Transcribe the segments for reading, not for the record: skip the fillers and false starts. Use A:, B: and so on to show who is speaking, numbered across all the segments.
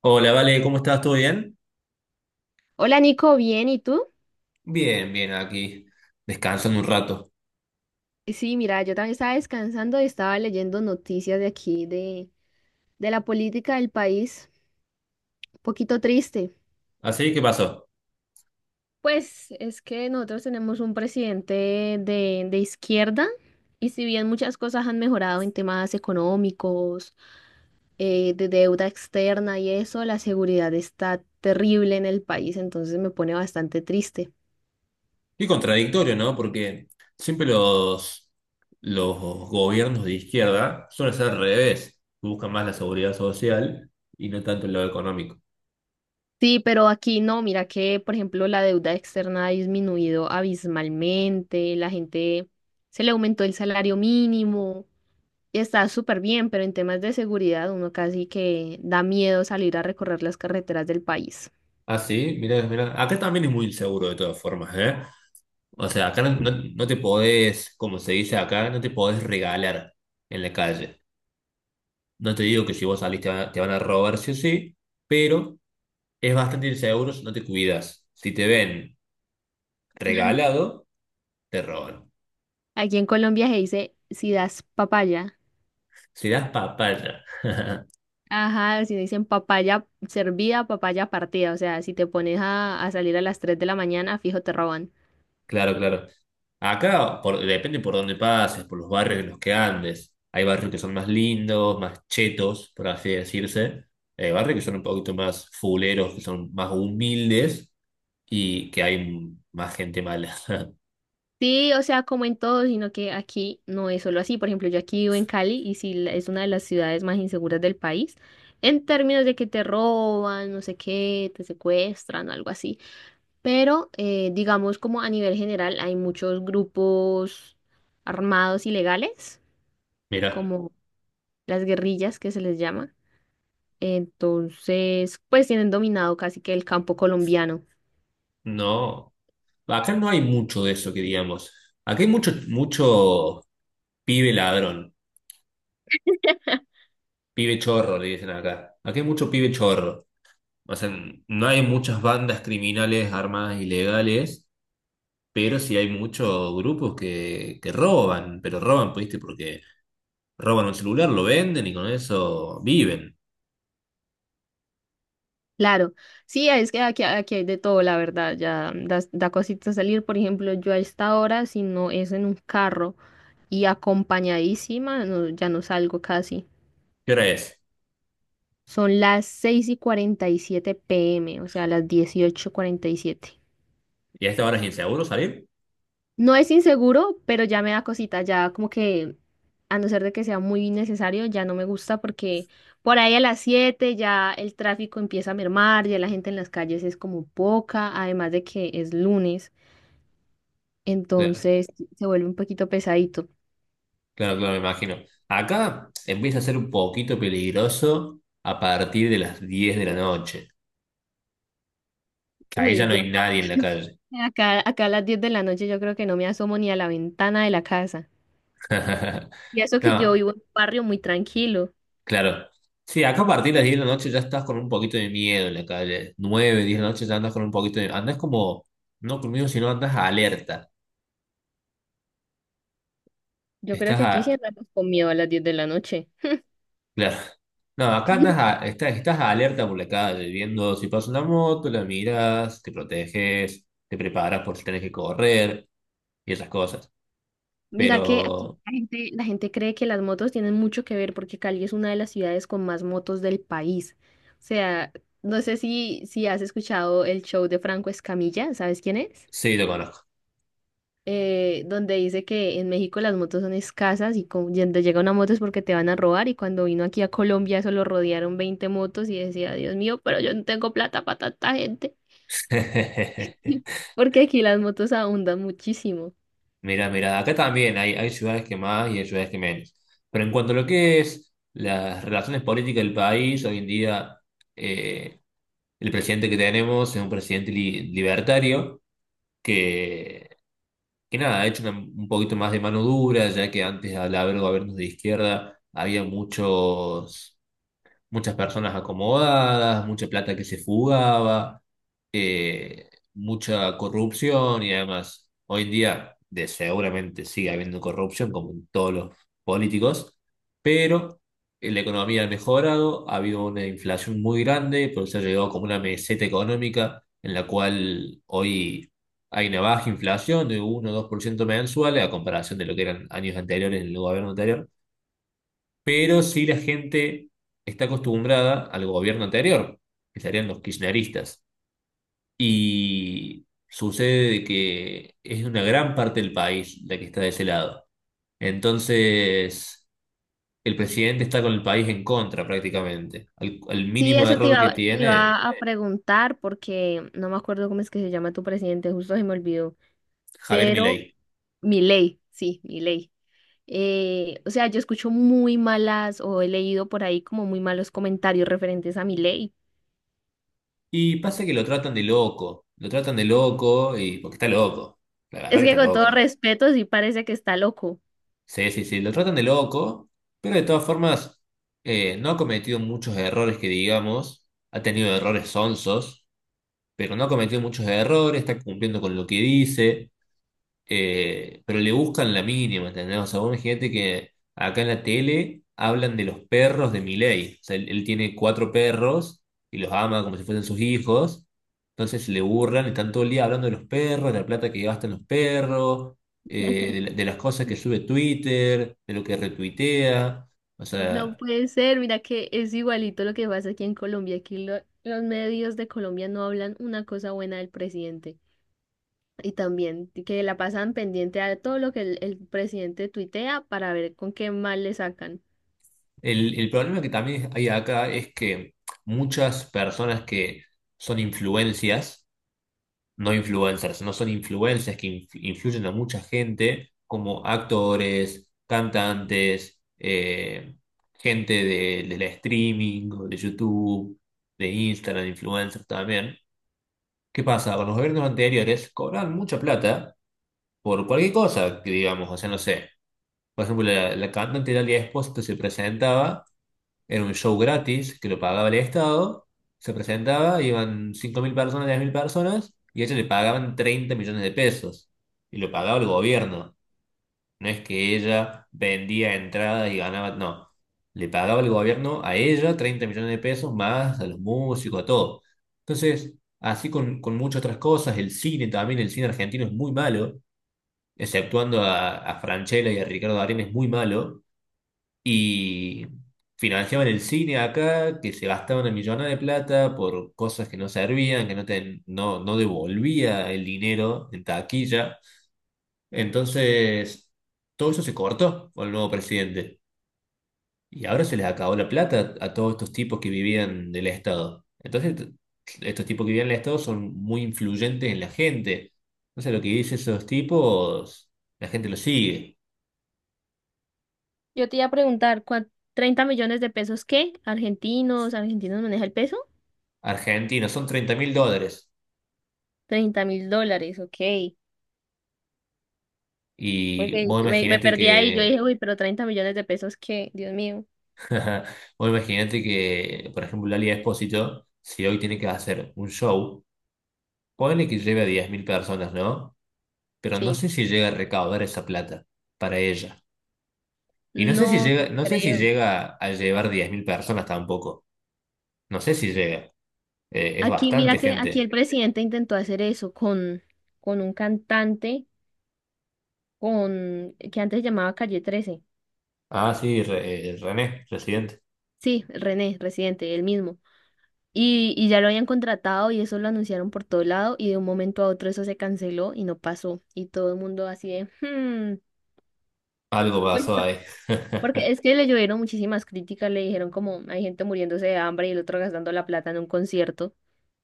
A: Hola, Vale, ¿cómo estás? ¿Todo bien?
B: Hola Nico, bien, ¿y tú?
A: Bien, bien, aquí, descansando un rato.
B: Sí, mira, yo también estaba descansando y estaba leyendo noticias de aquí, de la política del país, un poquito triste.
A: Así, ¿qué pasó?
B: Pues es que nosotros tenemos un presidente de izquierda y si bien muchas cosas han mejorado en temas económicos, de deuda externa y eso, la seguridad está terrible en el país, entonces me pone bastante triste.
A: Y contradictorio, ¿no? Porque siempre los gobiernos de izquierda suelen ser al revés, buscan más la seguridad social y no tanto el lado económico.
B: Sí, pero aquí no, mira que, por ejemplo, la deuda externa ha disminuido abismalmente, la gente se le aumentó el salario mínimo y está súper bien, pero en temas de seguridad uno casi que da miedo salir a recorrer las carreteras del país.
A: Ah, sí, mirá, mirá. Acá también es muy inseguro de todas formas, ¿eh? O sea, acá no te podés, como se dice acá, no te podés regalar en la calle. No te digo que si vos salís te van a robar, sí o sí, pero es bastante inseguro si no te cuidas. Si te ven regalado, te roban.
B: Aquí en Colombia se dice si das papaya.
A: Si das papaya.
B: Ajá, si dicen papaya servida, papaya partida. O sea, si te pones a salir a las 3 de la mañana, fijo, te roban.
A: Claro, claro. Acá depende por dónde pases, por los barrios en los que andes. Hay barrios que son más lindos, más chetos, por así decirse. Hay barrios que son un poquito más fuleros, que son más humildes y que hay más gente mala.
B: Sí, o sea, como en todo, sino que aquí no es solo así. Por ejemplo, yo aquí vivo en Cali y sí es una de las ciudades más inseguras del país. En términos de que te roban, no sé qué, te secuestran, algo así. Pero digamos como a nivel general hay muchos grupos armados ilegales,
A: Mira,
B: como las guerrillas que se les llama. Entonces, pues tienen dominado casi que el campo colombiano.
A: no. Acá no hay mucho de eso que digamos. Acá hay mucho, mucho pibe ladrón. Pibe chorro, le dicen acá. Aquí hay mucho pibe chorro. O sea, no hay muchas bandas criminales armadas ilegales, pero sí hay muchos grupos que roban, pero roban, pues, ¿viste? Porque roban un celular, lo venden y con eso viven.
B: Claro, sí, es que aquí hay de todo, la verdad, ya da cosita salir, por ejemplo, yo a esta hora, si no es en un carro y acompañadísima, ya no salgo casi.
A: ¿Qué hora es?
B: Son las seis y 47 pm, o sea, las 18:47.
A: ¿Y a esta hora es inseguro salir?
B: No es inseguro, pero ya me da cosita, ya como que, a no ser de que sea muy necesario, ya no me gusta porque por ahí a las 7 ya el tráfico empieza a mermar, ya la gente en las calles es como poca, además de que es lunes,
A: Claro,
B: entonces se vuelve un poquito pesadito.
A: claro, claro, me imagino. Acá empieza a ser un poquito peligroso a partir de las 10 de la noche, que ahí ya
B: Uy,
A: no
B: yo
A: hay
B: acá,
A: nadie en la calle.
B: acá, acá a las 10 de la noche yo creo que no me asomo ni a la ventana de la casa. Y eso que yo
A: No,
B: vivo en un barrio muy tranquilo.
A: claro. Sí, acá a partir de las 10 de la noche ya estás con un poquito de miedo en la calle. 9, 10 de la noche ya andas con un poquito de... Andás como, no con miedo, sino andas alerta.
B: Yo creo
A: Estás
B: que
A: a...
B: aquí sí andamos con miedo a las 10 de la noche.
A: Claro. No, acá andas a... estás alerta por la calle, viendo si pasa una moto, la miras, te proteges, te preparas por si tenés que correr y esas cosas.
B: Mira que aquí
A: Pero
B: la gente cree que las motos tienen mucho que ver porque Cali es una de las ciudades con más motos del país. O sea, no sé si has escuchado el show de Franco Escamilla, ¿sabes quién es?
A: sí, lo conozco.
B: Donde dice que en México las motos son escasas y y donde llega una moto es porque te van a robar y cuando vino aquí a Colombia solo rodearon 20 motos y decía, Dios mío, pero yo no tengo plata para tanta gente porque aquí las motos abundan muchísimo.
A: Mira, mira, acá también hay ciudades que más y hay ciudades que menos. Pero en cuanto a lo que es las relaciones políticas del país, hoy en día eh, el presidente que tenemos es un presidente libertario que, que nada, ha hecho un poquito más de mano dura, ya que antes al haber gobiernos de izquierda había muchos muchas personas acomodadas, mucha plata que se fugaba, eh, mucha corrupción y además hoy en día seguramente sigue habiendo corrupción como en todos los políticos, pero la economía ha mejorado, ha habido una inflación muy grande, por eso ha llegado como una meseta económica en la cual hoy hay una baja inflación de 1 o 2% mensuales a comparación de lo que eran años anteriores en el gobierno anterior, pero sí la gente está acostumbrada al gobierno anterior, que serían los kirchneristas. Y sucede de que es una gran parte del país la que está de ese lado. Entonces, el presidente está con el país en contra prácticamente. Al
B: Sí,
A: mínimo
B: eso te
A: error que
B: iba, te
A: tiene
B: iba a preguntar porque no me acuerdo cómo es que se llama tu presidente, justo se me olvidó,
A: Javier
B: pero
A: Milei.
B: Milei, sí, Milei. O sea, yo escucho muy malas o he leído por ahí como muy malos comentarios referentes a Milei.
A: Y pasa que lo tratan de loco, lo tratan de loco y porque está loco, la verdad
B: Es
A: que
B: que
A: está
B: con todo
A: loco.
B: respeto sí parece que está loco.
A: Sí, sí, sí, lo tratan de loco, pero de todas formas no ha cometido muchos errores que digamos, ha tenido errores sonsos, pero no ha cometido muchos errores, está cumpliendo con lo que dice, pero le buscan la mínima, ¿entendés? O sea, vos imagínate que acá en la tele hablan de los perros de Milei. O sea, él tiene cuatro perros y los ama como si fuesen sus hijos. Entonces le burlan, están todo el día hablando de los perros, de la plata que gastan los perros, de las cosas que sube Twitter, de lo que retuitea. O
B: No
A: sea,
B: puede ser, mira que es igualito lo que pasa aquí en Colombia. Aquí los medios de Colombia no hablan una cosa buena del presidente. Y también que la pasan pendiente a todo lo que el presidente tuitea para ver con qué mal le sacan.
A: el problema que también hay acá es que muchas personas que son influencias, no influencers, no son influencias que influyen a mucha gente, como actores, cantantes, gente de la streaming, o de YouTube, de Instagram, influencers también. ¿Qué pasa? Con los gobiernos anteriores cobran mucha plata por cualquier cosa, que digamos, o sea, no sé. Por ejemplo, la cantante Dalia Espósito se presentaba era un show gratis que lo pagaba el Estado. Se presentaba, iban 5.000 personas, 10.000 personas, y a ella le pagaban 30 millones de pesos. Y lo pagaba el gobierno. No es que ella vendía entradas y ganaba, no. Le pagaba el gobierno a ella 30 millones de pesos más a los músicos, a todo. Entonces, así con muchas otras cosas, el cine también, el cine argentino es muy malo, exceptuando a Francella y a Ricardo Darín es muy malo. Y financiaban el cine acá, que se gastaban una millonada de plata por cosas que no servían, que no, no devolvía el dinero en taquilla. Entonces, todo eso se cortó con el nuevo presidente. Y ahora se les acabó la plata a todos estos tipos que vivían del Estado. Entonces, estos tipos que vivían del Estado son muy influyentes en la gente. Entonces, lo que dicen esos tipos, la gente lo sigue.
B: Yo te iba a preguntar, 30 millones de pesos qué? ¿Argentinos? ¿Argentinos maneja el peso?
A: Argentina, son 30.000 dólares.
B: 30.000 dólares, ok.
A: Y
B: Porque
A: vos
B: me
A: imaginate
B: perdí ahí, yo
A: que,
B: dije, uy, pero 30 millones de pesos qué, Dios mío.
A: vos imaginate que, por ejemplo, Lali Espósito, si hoy tiene que hacer un show, ponele que lleve a 10.000 personas, ¿no? Pero no
B: Sí,
A: sé si llega a recaudar esa plata para ella. Y
B: no, no
A: no sé si
B: creo.
A: llega a llevar 10.000 personas tampoco. No sé si llega. Es
B: Aquí,
A: bastante
B: mira que aquí el
A: gente.
B: presidente intentó hacer eso con un cantante que antes llamaba Calle 13.
A: Ah, sí, René, residente.
B: Sí, René, residente, el mismo. Y ya lo habían contratado y eso lo anunciaron por todo lado y de un momento a otro eso se canceló y no pasó. Y todo el mundo así de,
A: Algo
B: pues,
A: pasó ahí.
B: porque es que le llovieron muchísimas críticas, le dijeron como hay gente muriéndose de hambre y el otro gastando la plata en un concierto.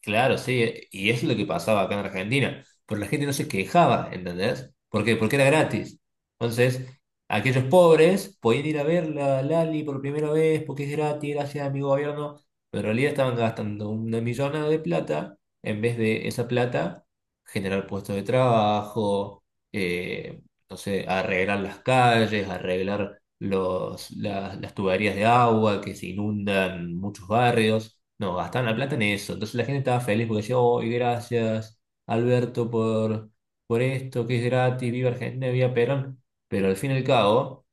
A: Claro, sí, y eso es lo que pasaba acá en Argentina, pero la gente no se quejaba, ¿entendés? ¿Por qué? Porque era gratis. Entonces, aquellos pobres podían ir a ver la Lali por primera vez porque es gratis, gracias a mi gobierno, pero en realidad estaban gastando una millonada de plata en vez de esa plata generar puestos de trabajo, eh, no sé, arreglar las calles, arreglar las tuberías de agua que se inundan muchos barrios. No, gastaban la plata en eso. Entonces la gente estaba feliz porque decía, oh, gracias, Alberto, por, esto, que es gratis, viva Argentina, viva Perón. Pero al fin y al cabo,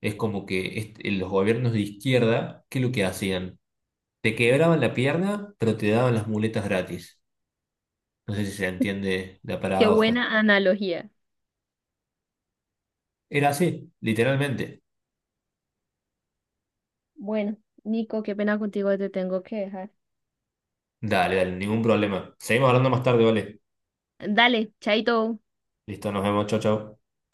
A: es como que los gobiernos de izquierda, ¿qué es lo que hacían? Te quebraban la pierna, pero te daban las muletas gratis. No sé si se entiende la
B: Qué
A: paradoja.
B: buena analogía.
A: Era así, literalmente.
B: Bueno, Nico, qué pena contigo, te tengo que dejar.
A: Dale, dale, ningún problema. Seguimos hablando más tarde, ¿vale?
B: Dale, chaito.
A: Listo, nos vemos, chao, chao.